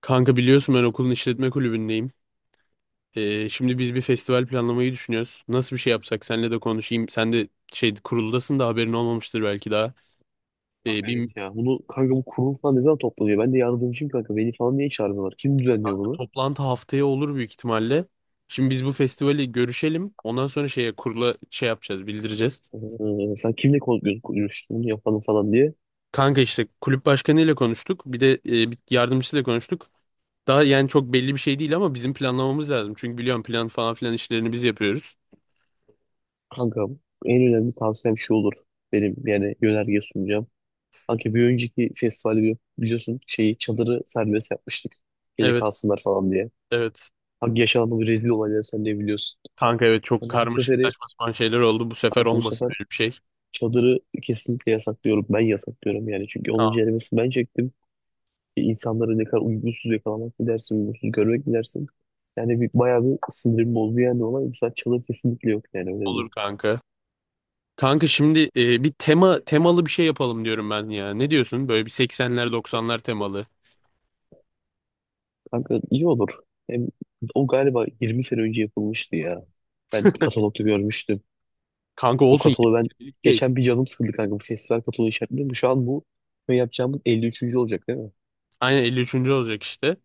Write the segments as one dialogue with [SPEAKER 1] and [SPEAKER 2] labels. [SPEAKER 1] Kanka biliyorsun ben okulun işletme kulübündeyim. Şimdi biz bir festival planlamayı düşünüyoruz. Nasıl bir şey yapsak senle de konuşayım. Sen de şey kuruldasın da haberin olmamıştır belki daha.
[SPEAKER 2] Kanka
[SPEAKER 1] Bir
[SPEAKER 2] evet ya. Bunu kanka bu kurul falan ne zaman toplanıyor? Ben de yardımcıyım kanka. Beni falan niye çağırmıyorlar? Kim düzenliyor bunu?
[SPEAKER 1] toplantı haftaya olur büyük ihtimalle. Şimdi biz bu festivali görüşelim. Ondan sonra şeye kurula şey yapacağız, bildireceğiz.
[SPEAKER 2] Sen kimle konuşuyorsun bunu yapalım falan diye.
[SPEAKER 1] Kanka işte kulüp başkanıyla konuştuk. Bir de bir yardımcısıyla konuştuk. Daha yani çok belli bir şey değil ama bizim planlamamız lazım. Çünkü biliyorum plan falan filan işlerini biz yapıyoruz.
[SPEAKER 2] Kanka en önemli tavsiyem şu olur. Benim yani yönerge sunacağım. Kanka bir önceki festivali biliyorsun şeyi çadırı serbest yapmıştık. Gece
[SPEAKER 1] Evet,
[SPEAKER 2] kalsınlar falan diye.
[SPEAKER 1] evet.
[SPEAKER 2] Kanka yaşanan bir rezil olayları sen de biliyorsun.
[SPEAKER 1] Kanka evet çok
[SPEAKER 2] Kanka bu
[SPEAKER 1] karmaşık
[SPEAKER 2] seferi
[SPEAKER 1] saçma sapan şeyler oldu. Bu sefer
[SPEAKER 2] kanka bu
[SPEAKER 1] olmasın
[SPEAKER 2] sefer
[SPEAKER 1] öyle bir şey.
[SPEAKER 2] çadırı kesinlikle yasaklıyorum. Ben yasaklıyorum yani. Çünkü onun
[SPEAKER 1] Tamam
[SPEAKER 2] ceremesini ben çektim. İnsanları ne kadar uygunsuz yakalamak mı dersin, uygunsuz görmek mi dersin? Yani bir, bayağı bir sinirim bozdu yani olay. Mesela çalı kesinlikle yok yani öyle diyeyim.
[SPEAKER 1] olur kanka. Kanka şimdi bir tema temalı bir şey yapalım diyorum ben ya. Ne diyorsun? Böyle bir 80'ler 90'lar temalı.
[SPEAKER 2] Kanka iyi olur. Hem o galiba 20 sene önce yapılmıştı ya. Ben katalogda görmüştüm.
[SPEAKER 1] Kanka
[SPEAKER 2] O
[SPEAKER 1] olsun
[SPEAKER 2] kataloğu
[SPEAKER 1] 20
[SPEAKER 2] ben
[SPEAKER 1] senelik şey.
[SPEAKER 2] geçen bir canım sıkıldı kanka. Bu festival kataloğu işaretledim. Şu an bu şey yapacağımız 53. olacak değil mi?
[SPEAKER 1] Aynen 53. olacak işte.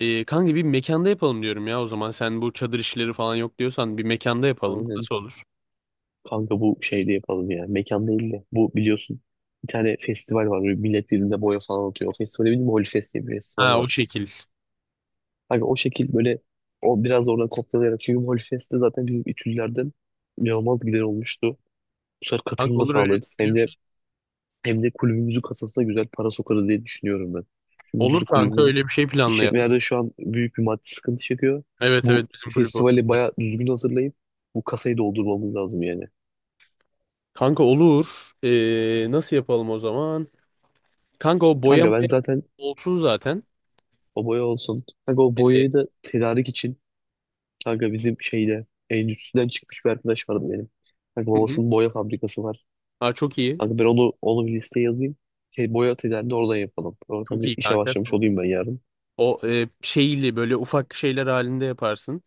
[SPEAKER 1] Kanka bir mekanda yapalım diyorum ya o zaman. Sen bu çadır işleri falan yok diyorsan bir mekanda yapalım.
[SPEAKER 2] Aynen.
[SPEAKER 1] Nasıl olur?
[SPEAKER 2] Kanka bu şeyde yapalım ya. Mekan değil de. Bu biliyorsun bir tane festival var. Böyle millet birbirine boya falan atıyor. O festivale bildim bilmiyorum. Holyfest diye bir festival
[SPEAKER 1] Ha o
[SPEAKER 2] var.
[SPEAKER 1] şekil.
[SPEAKER 2] Hani o şekil böyle o biraz oradan kopyalayarak. Çünkü Molfest'te zaten bizim İTÜ'lülerden inanılmaz gider olmuştu. Bu sefer
[SPEAKER 1] Kanka
[SPEAKER 2] katılım da
[SPEAKER 1] olur öyle,
[SPEAKER 2] sağlarız.
[SPEAKER 1] öyle
[SPEAKER 2] Hem
[SPEAKER 1] bir
[SPEAKER 2] de
[SPEAKER 1] şey.
[SPEAKER 2] hem de kulübümüzün kasasına güzel para sokarız diye düşünüyorum ben. Çünkü
[SPEAKER 1] Olur
[SPEAKER 2] biliyorsun
[SPEAKER 1] kanka
[SPEAKER 2] kulübümüz
[SPEAKER 1] öyle bir şey planlayalım.
[SPEAKER 2] işletmelerde şu an büyük bir maddi sıkıntı çekiyor.
[SPEAKER 1] Evet
[SPEAKER 2] Bu
[SPEAKER 1] evet bizim kulüp olur.
[SPEAKER 2] festivali bayağı düzgün hazırlayıp bu kasayı doldurmamız lazım yani.
[SPEAKER 1] Kanka olur. Nasıl yapalım o zaman? Kanka o
[SPEAKER 2] Kanka
[SPEAKER 1] boyama
[SPEAKER 2] ben zaten
[SPEAKER 1] olsun zaten.
[SPEAKER 2] o boya olsun. Kanka o
[SPEAKER 1] Ee,
[SPEAKER 2] boyayı da tedarik için kanka bizim şeyde endüstriden çıkmış bir arkadaş vardı benim. Kanka
[SPEAKER 1] hı hı.
[SPEAKER 2] babasının boya fabrikası var.
[SPEAKER 1] Aa, çok iyi.
[SPEAKER 2] Kanka ben onu bir listeye yazayım. Şey, boya atölyelerini oradan yapalım. Oradan
[SPEAKER 1] Çok
[SPEAKER 2] bir
[SPEAKER 1] iyi
[SPEAKER 2] işe
[SPEAKER 1] kanka.
[SPEAKER 2] başlamış
[SPEAKER 1] Tamam.
[SPEAKER 2] olayım ben yarın.
[SPEAKER 1] O şeyli böyle ufak şeyler halinde yaparsın.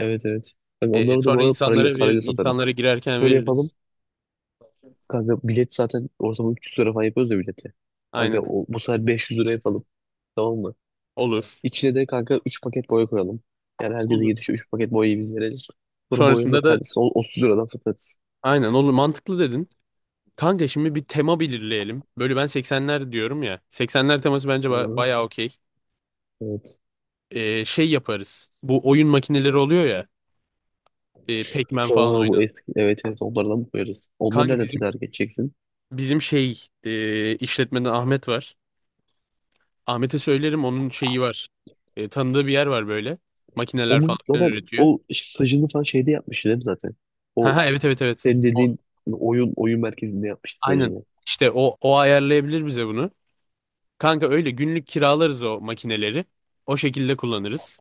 [SPEAKER 2] Evet, evet. Kanka onları da bu
[SPEAKER 1] Sonra
[SPEAKER 2] arada parayla, parayla satarız.
[SPEAKER 1] insanlara girerken
[SPEAKER 2] Şöyle yapalım.
[SPEAKER 1] veririz.
[SPEAKER 2] Kanka bilet zaten ortalama 300 lira falan yapıyoruz ya bileti. Kanka
[SPEAKER 1] Aynen.
[SPEAKER 2] o, bu sefer 500 lira yapalım. Tamam mı?
[SPEAKER 1] Olur.
[SPEAKER 2] İçine de kanka 3 paket boya koyalım. Yani herkese
[SPEAKER 1] Olur.
[SPEAKER 2] gidişe 3 paket boyayı biz verelim. Sonra boyanın da
[SPEAKER 1] Sonrasında da
[SPEAKER 2] tanesi 30 liradan satarız.
[SPEAKER 1] aynen olur. Mantıklı dedin. Kanka şimdi bir tema belirleyelim. Böyle ben 80'ler diyorum ya. 80'ler teması bence
[SPEAKER 2] Hı,
[SPEAKER 1] bayağı okey.
[SPEAKER 2] evet.
[SPEAKER 1] Şey yaparız. Bu oyun makineleri oluyor ya. Pac-Man falan
[SPEAKER 2] Aa, bu
[SPEAKER 1] oynan.
[SPEAKER 2] eski. Evet, evet, onlardan koyarız. Onları
[SPEAKER 1] Kanka
[SPEAKER 2] nereden
[SPEAKER 1] bizim
[SPEAKER 2] tedarik edeceksin?
[SPEAKER 1] bizim şey işletmeden Ahmet var. Ahmet'e söylerim onun şeyi var. Tanıdığı bir yer var böyle. Makineler falan
[SPEAKER 2] Onun
[SPEAKER 1] filan
[SPEAKER 2] zaten
[SPEAKER 1] üretiyor.
[SPEAKER 2] o işte stajını falan şeyde yapmıştı değil mi zaten?
[SPEAKER 1] Ha
[SPEAKER 2] O
[SPEAKER 1] ha evet evet evet.
[SPEAKER 2] senin
[SPEAKER 1] O,
[SPEAKER 2] dediğin oyun merkezinde yapmıştı
[SPEAKER 1] aynen.
[SPEAKER 2] stajını.
[SPEAKER 1] İşte o ayarlayabilir bize bunu. Kanka öyle günlük kiralarız o makineleri. O şekilde kullanırız.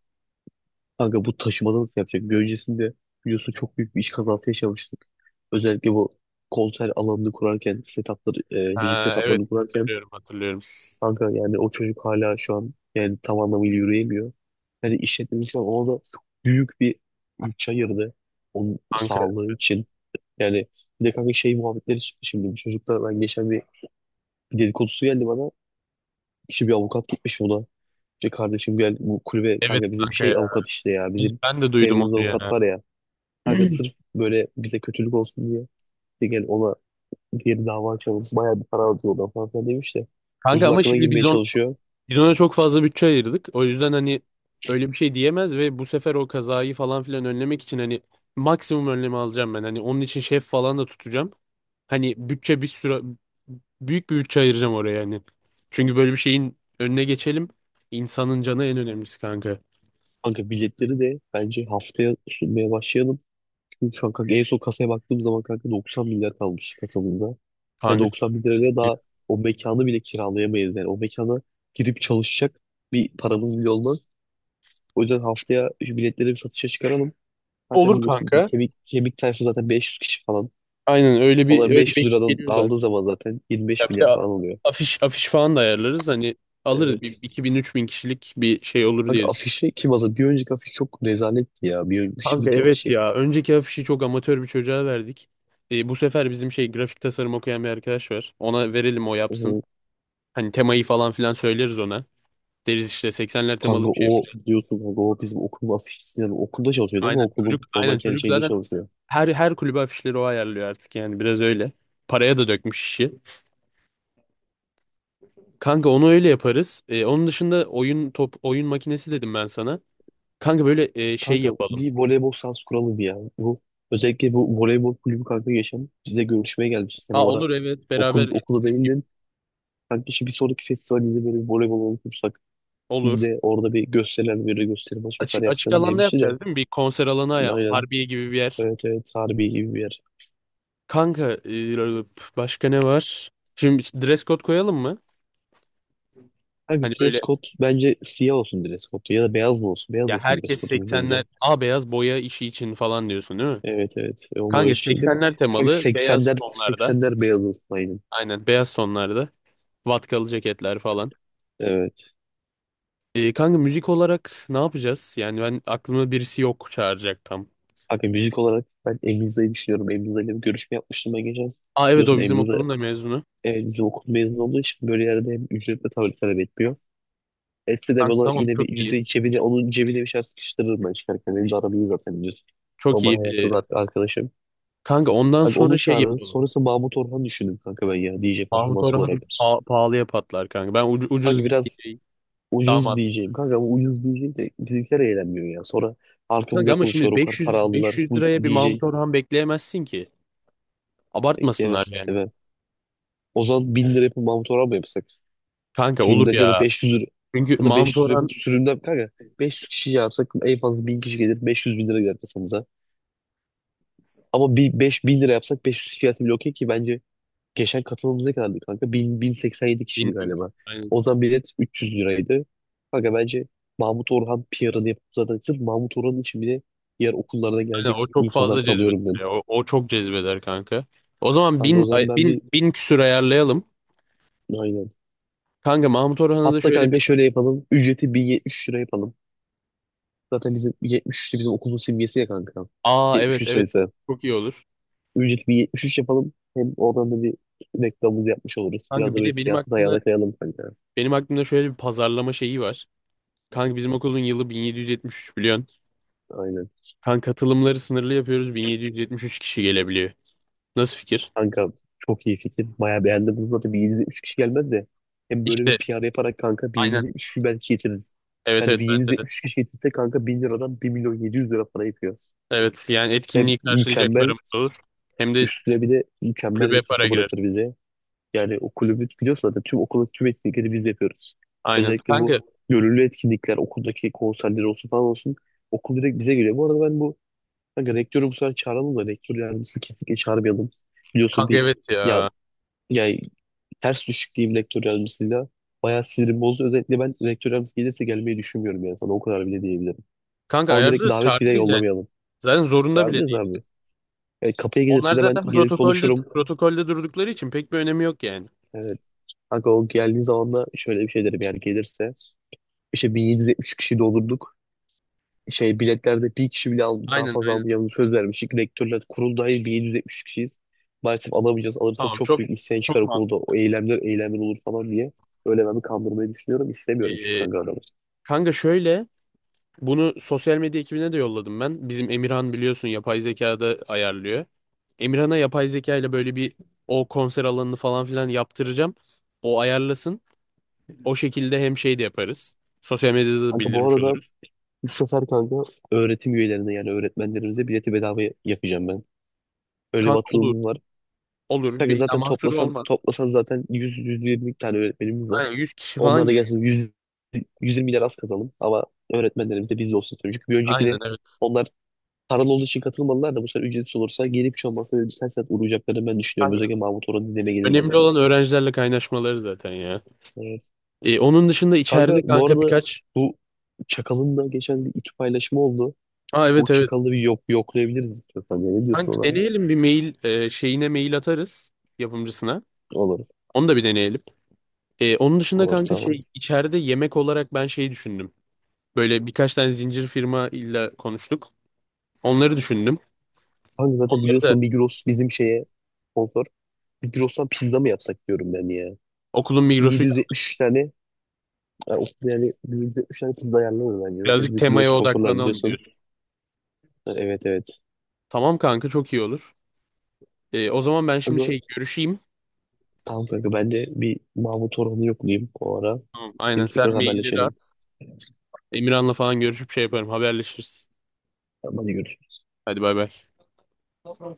[SPEAKER 2] Kanka bu taşımada nasıl yapacak? Bir öncesinde biliyorsun çok büyük bir iş kazası yaşamıştık. Özellikle bu konser alanını kurarken, setupları, müzik
[SPEAKER 1] Ha evet
[SPEAKER 2] setuplarını kurarken
[SPEAKER 1] hatırlıyorum hatırlıyorum.
[SPEAKER 2] kanka yani o çocuk hala şu an yani tam anlamıyla yürüyemiyor. Yani işletmemiz falan ona da çok büyük bir bütçe ayırdı. Onun
[SPEAKER 1] Kanka
[SPEAKER 2] sağlığı için. Yani bir de kanka şey muhabbetleri çıktı şimdi. Bu çocukla ben geçen bir dedikodusu geldi bana. İşte bir avukat gitmiş buna. İşte kardeşim gel bu kulübe
[SPEAKER 1] evet
[SPEAKER 2] kanka bizim
[SPEAKER 1] kanka ya.
[SPEAKER 2] şey avukat işte ya. Bizim
[SPEAKER 1] Ben de duydum
[SPEAKER 2] sevdiğimiz
[SPEAKER 1] onu
[SPEAKER 2] avukat
[SPEAKER 1] ya.
[SPEAKER 2] var ya. Kanka sırf böyle bize kötülük olsun diye. İşte gel ona diğer dava açalım. Bayağı bir para alıyor ona falan filan demiş de.
[SPEAKER 1] Kanka
[SPEAKER 2] Çocuğun
[SPEAKER 1] ama
[SPEAKER 2] aklına
[SPEAKER 1] şimdi
[SPEAKER 2] girmeye çalışıyor.
[SPEAKER 1] biz ona çok fazla bütçe ayırdık. O yüzden hani öyle bir şey diyemez ve bu sefer o kazayı falan filan önlemek için hani maksimum önlemi alacağım ben. Hani onun için şef falan da tutacağım. Hani bütçe bir süre büyük bir bütçe ayıracağım oraya yani. Çünkü böyle bir şeyin önüne geçelim. İnsanın canı en önemlisi kanka.
[SPEAKER 2] Kanka biletleri de bence haftaya sunmaya başlayalım. Çünkü şu an kanka en son kasaya baktığım zaman kanka 90 milyar kalmış kasamızda. Ve
[SPEAKER 1] Kanka.
[SPEAKER 2] 90 bin lirayla daha o mekanı bile kiralayamayız yani. O mekana girip çalışacak bir paramız bile olmaz. O yüzden haftaya şu biletleri bir satışa çıkaralım. Zaten
[SPEAKER 1] Olur
[SPEAKER 2] biliyorsun bizim
[SPEAKER 1] kanka.
[SPEAKER 2] kemik tayfası zaten 500 kişi falan.
[SPEAKER 1] Aynen öyle bir
[SPEAKER 2] Onlar
[SPEAKER 1] öyle bir
[SPEAKER 2] 500
[SPEAKER 1] ekip
[SPEAKER 2] liradan
[SPEAKER 1] geliyor
[SPEAKER 2] aldığı
[SPEAKER 1] zaten.
[SPEAKER 2] zaman zaten
[SPEAKER 1] Ya
[SPEAKER 2] 25
[SPEAKER 1] bir
[SPEAKER 2] milyar
[SPEAKER 1] de
[SPEAKER 2] falan oluyor.
[SPEAKER 1] afiş falan da ayarlarız. Hani alırız bir
[SPEAKER 2] Evet.
[SPEAKER 1] iki bin üç bin kişilik bir şey olur
[SPEAKER 2] Bak
[SPEAKER 1] diye düşünüyorum.
[SPEAKER 2] afişi kim hazır? Bir önceki afiş çok rezaletti ya. Bir önceki,
[SPEAKER 1] Kanka
[SPEAKER 2] şimdiki
[SPEAKER 1] evet
[SPEAKER 2] afişi.
[SPEAKER 1] ya. Önceki afişi çok amatör bir çocuğa verdik. Bu sefer bizim şey grafik tasarım okuyan bir arkadaş var. Ona verelim o yapsın.
[SPEAKER 2] O,
[SPEAKER 1] Hani temayı falan filan söyleriz ona. Deriz işte 80'ler temalı
[SPEAKER 2] kanka
[SPEAKER 1] bir şey.
[SPEAKER 2] o biliyorsun kanka o bizim okulun afişçisinden. Okulda çalışıyor değil mi?
[SPEAKER 1] Aynen
[SPEAKER 2] Okulun
[SPEAKER 1] çocuk
[SPEAKER 2] normal
[SPEAKER 1] aynen
[SPEAKER 2] kendi
[SPEAKER 1] çocuk
[SPEAKER 2] şeyinde
[SPEAKER 1] zaten
[SPEAKER 2] çalışıyor.
[SPEAKER 1] her kulübe afişleri o ayarlıyor artık yani biraz öyle. Paraya da dökmüş işi. Kanka onu öyle yaparız. Onun dışında oyun makinesi dedim ben sana. Kanka böyle şey
[SPEAKER 2] Kanka
[SPEAKER 1] yapalım.
[SPEAKER 2] bir voleybol sahası kuralım ya. Bu özellikle bu voleybol kulübü kanka geçen bizde görüşmeye gelmişti. Sen
[SPEAKER 1] Aa
[SPEAKER 2] o ara
[SPEAKER 1] olur evet beraber
[SPEAKER 2] okulu
[SPEAKER 1] etkinlik
[SPEAKER 2] değil
[SPEAKER 1] gibi
[SPEAKER 2] de kanka işte bir sonraki festivalde böyle bir voleybol olursak biz
[SPEAKER 1] olur.
[SPEAKER 2] de orada bir gösteriler böyle gösteri maç vesaire
[SPEAKER 1] Açık
[SPEAKER 2] yapacağız diye bir
[SPEAKER 1] alanda
[SPEAKER 2] şey de.
[SPEAKER 1] yapacağız değil mi? Bir konser alanı ya
[SPEAKER 2] Aynen.
[SPEAKER 1] Harbiye gibi bir yer.
[SPEAKER 2] Evet, evet, harbi gibi bir yer.
[SPEAKER 1] Kanka başka ne var? Şimdi dress code koyalım mı?
[SPEAKER 2] Kanka
[SPEAKER 1] Hani
[SPEAKER 2] dress
[SPEAKER 1] böyle
[SPEAKER 2] code bence siyah olsun dress code ya da beyaz mı olsun? Beyaz
[SPEAKER 1] ya
[SPEAKER 2] olsun dress
[SPEAKER 1] herkes
[SPEAKER 2] code'umuz
[SPEAKER 1] 80'ler
[SPEAKER 2] bence.
[SPEAKER 1] A beyaz boya işi için falan diyorsun değil mi?
[SPEAKER 2] Evet, evet. Onu
[SPEAKER 1] Kanka
[SPEAKER 2] eşitledim.
[SPEAKER 1] 80'ler
[SPEAKER 2] Kanka
[SPEAKER 1] temalı beyaz
[SPEAKER 2] 80'ler
[SPEAKER 1] tonlarda.
[SPEAKER 2] 80'ler beyaz olsun aynen.
[SPEAKER 1] Aynen beyaz tonlarda. Vatkalı ceketler falan.
[SPEAKER 2] Evet.
[SPEAKER 1] Kanka müzik olarak ne yapacağız? Yani ben aklımda birisi yok çağıracak tam.
[SPEAKER 2] Kanka müzik olarak ben Emriza'yı düşünüyorum. Emriza'yla bir görüşme yapmıştım ben geçen.
[SPEAKER 1] Aa evet
[SPEAKER 2] Biliyorsun
[SPEAKER 1] o bizim
[SPEAKER 2] Emriza
[SPEAKER 1] okulun da mezunu.
[SPEAKER 2] bizim okul mezunu olduğu için böyle yerde hem ücretle tabii talep etmiyor. Etse de
[SPEAKER 1] Kanka
[SPEAKER 2] bana
[SPEAKER 1] tamam
[SPEAKER 2] yine bir
[SPEAKER 1] çok iyi.
[SPEAKER 2] yüzde cebine, onun cebine bir şeyler sıkıştırırım ben çıkarken. Benim de aram zaten biliyorsun.
[SPEAKER 1] Çok
[SPEAKER 2] Normal
[SPEAKER 1] iyi.
[SPEAKER 2] hayatta da arkadaşım.
[SPEAKER 1] Kanka ondan
[SPEAKER 2] Abi
[SPEAKER 1] sonra
[SPEAKER 2] onu
[SPEAKER 1] şey
[SPEAKER 2] çağırırız.
[SPEAKER 1] yapalım.
[SPEAKER 2] Sonrası Mahmut Orhan düşündüm kanka ben ya DJ
[SPEAKER 1] Mahmut
[SPEAKER 2] performans
[SPEAKER 1] Orhan
[SPEAKER 2] olarak.
[SPEAKER 1] pahalıya patlar kanka. Ben ucuz
[SPEAKER 2] Kanka
[SPEAKER 1] bir
[SPEAKER 2] biraz
[SPEAKER 1] DJ,
[SPEAKER 2] ucuz
[SPEAKER 1] damat.
[SPEAKER 2] diyeceğim. Kanka ama ucuz diyeceğim de bizimkiler eğlenmiyor ya. Sonra
[SPEAKER 1] Kanka
[SPEAKER 2] arkamızda
[SPEAKER 1] ama
[SPEAKER 2] konuşuyor
[SPEAKER 1] şimdi
[SPEAKER 2] o kadar para
[SPEAKER 1] 500
[SPEAKER 2] aldılar.
[SPEAKER 1] 500
[SPEAKER 2] Bu
[SPEAKER 1] liraya bir
[SPEAKER 2] DJ
[SPEAKER 1] Mahmut Orhan bekleyemezsin ki. Abartmasınlar
[SPEAKER 2] bekleyemez.
[SPEAKER 1] yani.
[SPEAKER 2] Evet. O zaman 1000 lira yapıp Mahmut Orhan mı yapsak?
[SPEAKER 1] Kanka olur
[SPEAKER 2] Sürümden ya da
[SPEAKER 1] ya.
[SPEAKER 2] 500 lira.
[SPEAKER 1] Çünkü
[SPEAKER 2] Ya da
[SPEAKER 1] Mahmut
[SPEAKER 2] 500 lira
[SPEAKER 1] Orhan
[SPEAKER 2] yapıp sürümden kanka 500 kişi yapsak en fazla 1000 kişi gelir. 500 bin lira gelir. Ama bir 5000 lira yapsak 500 fiyatı bile okey ki bence geçen katılımımız ne kadardı kanka? 1000, yedi kişiydi
[SPEAKER 1] 1000.
[SPEAKER 2] galiba. O zaman bilet 300 liraydı. Kanka bence Mahmut Orhan PR'ını yapıp zaten sırf Mahmut Orhan için bile diğer okullardan
[SPEAKER 1] Aynen,
[SPEAKER 2] gelecek
[SPEAKER 1] o çok
[SPEAKER 2] insanlar
[SPEAKER 1] fazla cezbeder.
[SPEAKER 2] tanıyorum ben.
[SPEAKER 1] Ya. O çok cezbeder kanka. O zaman
[SPEAKER 2] Kanka o zaman ben bir
[SPEAKER 1] 1000 küsür ayarlayalım.
[SPEAKER 2] aynen.
[SPEAKER 1] Kanka Mahmut Orhan'a da
[SPEAKER 2] Hatta
[SPEAKER 1] şöyle bir
[SPEAKER 2] kanka şöyle yapalım. Ücreti 1073 lira yapalım. Zaten bizim 73 de bizim okulun simgesi ya kanka.
[SPEAKER 1] aa evet
[SPEAKER 2] 73
[SPEAKER 1] evet
[SPEAKER 2] sayısı.
[SPEAKER 1] çok iyi olur.
[SPEAKER 2] Ücreti 1073 yapalım. Hem oradan da bir reklamımızı yapmış oluruz. Biraz
[SPEAKER 1] Kanka
[SPEAKER 2] da
[SPEAKER 1] bir
[SPEAKER 2] böyle
[SPEAKER 1] de benim
[SPEAKER 2] siyasi
[SPEAKER 1] aklımda
[SPEAKER 2] ayağına kayalım kanka.
[SPEAKER 1] benim aklımda şöyle bir pazarlama şeyi var. Kanka bizim okulun yılı 1773 biliyorsun.
[SPEAKER 2] Aynen.
[SPEAKER 1] Kanka katılımları sınırlı yapıyoruz. 1773 kişi gelebiliyor. Nasıl fikir?
[SPEAKER 2] Kanka çok iyi fikir. Bayağı beğendim bunu zaten bir 773 kişi gelmez de. Hem böyle bir
[SPEAKER 1] İşte
[SPEAKER 2] piyade yaparak kanka bir
[SPEAKER 1] aynen.
[SPEAKER 2] 773 kişi belki getiririz.
[SPEAKER 1] Evet
[SPEAKER 2] Yani
[SPEAKER 1] evet
[SPEAKER 2] bir
[SPEAKER 1] bence
[SPEAKER 2] yedi
[SPEAKER 1] de.
[SPEAKER 2] üç kişi getirse kanka 1000 liradan 1.700.000 lira para yapıyor.
[SPEAKER 1] Evet yani
[SPEAKER 2] Hem
[SPEAKER 1] etkinliği karşılayacak
[SPEAKER 2] mükemmel
[SPEAKER 1] paramız olur. Hem de
[SPEAKER 2] üstüne bir de mükemmel bir
[SPEAKER 1] kulübe para
[SPEAKER 2] kasa
[SPEAKER 1] girer.
[SPEAKER 2] bırakır bize. Yani o kulübü biliyorsun zaten tüm okulun tüm etkinlikleri biz yapıyoruz.
[SPEAKER 1] Aynen.
[SPEAKER 2] Özellikle bu
[SPEAKER 1] Kanka
[SPEAKER 2] gönüllü etkinlikler okuldaki konserler olsun falan olsun. Okul direkt bize geliyor. Bu arada ben bu kanka rektörü bu sefer çağıralım da rektör yardımcısını kesinlikle çağırmayalım. Biliyorsun
[SPEAKER 1] kanka
[SPEAKER 2] bir
[SPEAKER 1] evet
[SPEAKER 2] ya
[SPEAKER 1] ya.
[SPEAKER 2] yani ters düşük diyeyim rektör yardımcısıyla. Bayağı sinirim bozdu. Özellikle ben rektör yardımcısı gelirse gelmeyi düşünmüyorum yani sana o kadar bile diyebilirim.
[SPEAKER 1] Kanka
[SPEAKER 2] Ama direkt
[SPEAKER 1] ayarlarız
[SPEAKER 2] davet bile
[SPEAKER 1] çağırmayız yani.
[SPEAKER 2] yollamayalım.
[SPEAKER 1] Zaten zorunda bile
[SPEAKER 2] Çağırmayız
[SPEAKER 1] değil.
[SPEAKER 2] abi. Yani kapıya
[SPEAKER 1] Onlar
[SPEAKER 2] gelirse de ben
[SPEAKER 1] zaten
[SPEAKER 2] gelir
[SPEAKER 1] protokolde
[SPEAKER 2] konuşurum.
[SPEAKER 1] protokolde durdukları için pek bir önemi yok yani.
[SPEAKER 2] Evet. Kanka o geldiği zaman da şöyle bir şey derim yani gelirse. İşte 1773 kişi doldurduk. Şey biletlerde bir kişi bile aldı, daha
[SPEAKER 1] Aynen
[SPEAKER 2] fazla
[SPEAKER 1] aynen.
[SPEAKER 2] almayacağımızı söz vermiştik. Rektörler kurul dahil 1773 kişiyiz. Maalesef alamayacağız. Alırsak
[SPEAKER 1] Tamam
[SPEAKER 2] çok
[SPEAKER 1] çok
[SPEAKER 2] büyük isyan çıkar
[SPEAKER 1] çok
[SPEAKER 2] okulda.
[SPEAKER 1] mantıklı.
[SPEAKER 2] O eylemler olur falan diye. Öyle ben bir kandırmayı düşünüyorum. İstemiyorum çünkü
[SPEAKER 1] Ee,
[SPEAKER 2] kanka adamı.
[SPEAKER 1] kanka şöyle bunu sosyal medya ekibine de yolladım ben. Bizim Emirhan biliyorsun yapay zekada ayarlıyor. Emirhan'a yapay zeka ile böyle bir o konser alanını falan filan yaptıracağım. O ayarlasın. O şekilde hem şey de yaparız. Sosyal medyada da
[SPEAKER 2] Kanka bu
[SPEAKER 1] bildirmiş
[SPEAKER 2] arada
[SPEAKER 1] oluruz.
[SPEAKER 2] bu sefer kanka öğretim üyelerine yani öğretmenlerimize bileti bedava yapacağım ben. Öyle bir
[SPEAKER 1] Kanka olur
[SPEAKER 2] atılımım var.
[SPEAKER 1] olur bir
[SPEAKER 2] Kanka
[SPEAKER 1] ya
[SPEAKER 2] zaten
[SPEAKER 1] mahsuru
[SPEAKER 2] toplasan
[SPEAKER 1] olmaz.
[SPEAKER 2] toplasan zaten 100-120 tane öğretmenimiz var.
[SPEAKER 1] Aynen 100 kişi falan
[SPEAKER 2] Onlara da
[SPEAKER 1] geliyor.
[SPEAKER 2] gelsin 100-120 lira az kazanalım ama öğretmenlerimiz de bizde olsun istiyorum. Çünkü bir
[SPEAKER 1] Aynen
[SPEAKER 2] öncekine onlar paralı olduğu için katılmadılar da bu sefer ücretsiz olursa gelip hiç olmazsa bir sen saat uğrayacaklarını ben düşünüyorum.
[SPEAKER 1] evet.
[SPEAKER 2] Özellikle Mahmut Orhan'ın dinlerine gelirler
[SPEAKER 1] Önemli
[SPEAKER 2] yani.
[SPEAKER 1] olan öğrencilerle kaynaşmaları zaten ya.
[SPEAKER 2] Evet.
[SPEAKER 1] Onun dışında
[SPEAKER 2] Kanka
[SPEAKER 1] içeride
[SPEAKER 2] bu
[SPEAKER 1] kanka
[SPEAKER 2] arada
[SPEAKER 1] birkaç...
[SPEAKER 2] bu Çakal'ın da geçen bir İTÜ paylaşımı oldu.
[SPEAKER 1] Aa
[SPEAKER 2] Bu
[SPEAKER 1] evet evet.
[SPEAKER 2] çakalı bir yok yoklayabiliriz istiyorsan. Ya. Ne diyorsun
[SPEAKER 1] Kanka
[SPEAKER 2] ona?
[SPEAKER 1] deneyelim bir mail şeyine mail atarız yapımcısına.
[SPEAKER 2] Olur.
[SPEAKER 1] Onu da bir deneyelim. Onun dışında
[SPEAKER 2] Olur,
[SPEAKER 1] kanka
[SPEAKER 2] tamam.
[SPEAKER 1] şey içeride yemek olarak ben şey düşündüm. Böyle birkaç tane zincir firma ile konuştuk. Onları düşündüm.
[SPEAKER 2] Kanka zaten
[SPEAKER 1] Ya da
[SPEAKER 2] biliyorsun Migros bizim şeye sponsor. Migros'tan pizza mı yapsak diyorum ben ya.
[SPEAKER 1] okulun
[SPEAKER 2] Bir
[SPEAKER 1] Migros'uyla
[SPEAKER 2] 773 tane yani, yani bir 773 tane pizza ayarlanır bence. Zaten
[SPEAKER 1] birazcık
[SPEAKER 2] bizim kulübe
[SPEAKER 1] temaya
[SPEAKER 2] sponsorlar
[SPEAKER 1] odaklanalım
[SPEAKER 2] biliyorsun.
[SPEAKER 1] diyorsun.
[SPEAKER 2] Ha, evet, evet.
[SPEAKER 1] Tamam kanka çok iyi olur. O zaman ben şimdi
[SPEAKER 2] Kanka,
[SPEAKER 1] şey görüşeyim.
[SPEAKER 2] tamam kanka ben de bir Mahmut Orhan'ı yoklayayım o ara.
[SPEAKER 1] Tamam, aynen
[SPEAKER 2] Biz
[SPEAKER 1] sen
[SPEAKER 2] tekrar
[SPEAKER 1] mailleri at.
[SPEAKER 2] haberleşelim.
[SPEAKER 1] Emirhan'la falan görüşüp şey yaparım haberleşiriz.
[SPEAKER 2] Tamam, hadi görüşürüz.
[SPEAKER 1] Hadi bay bay.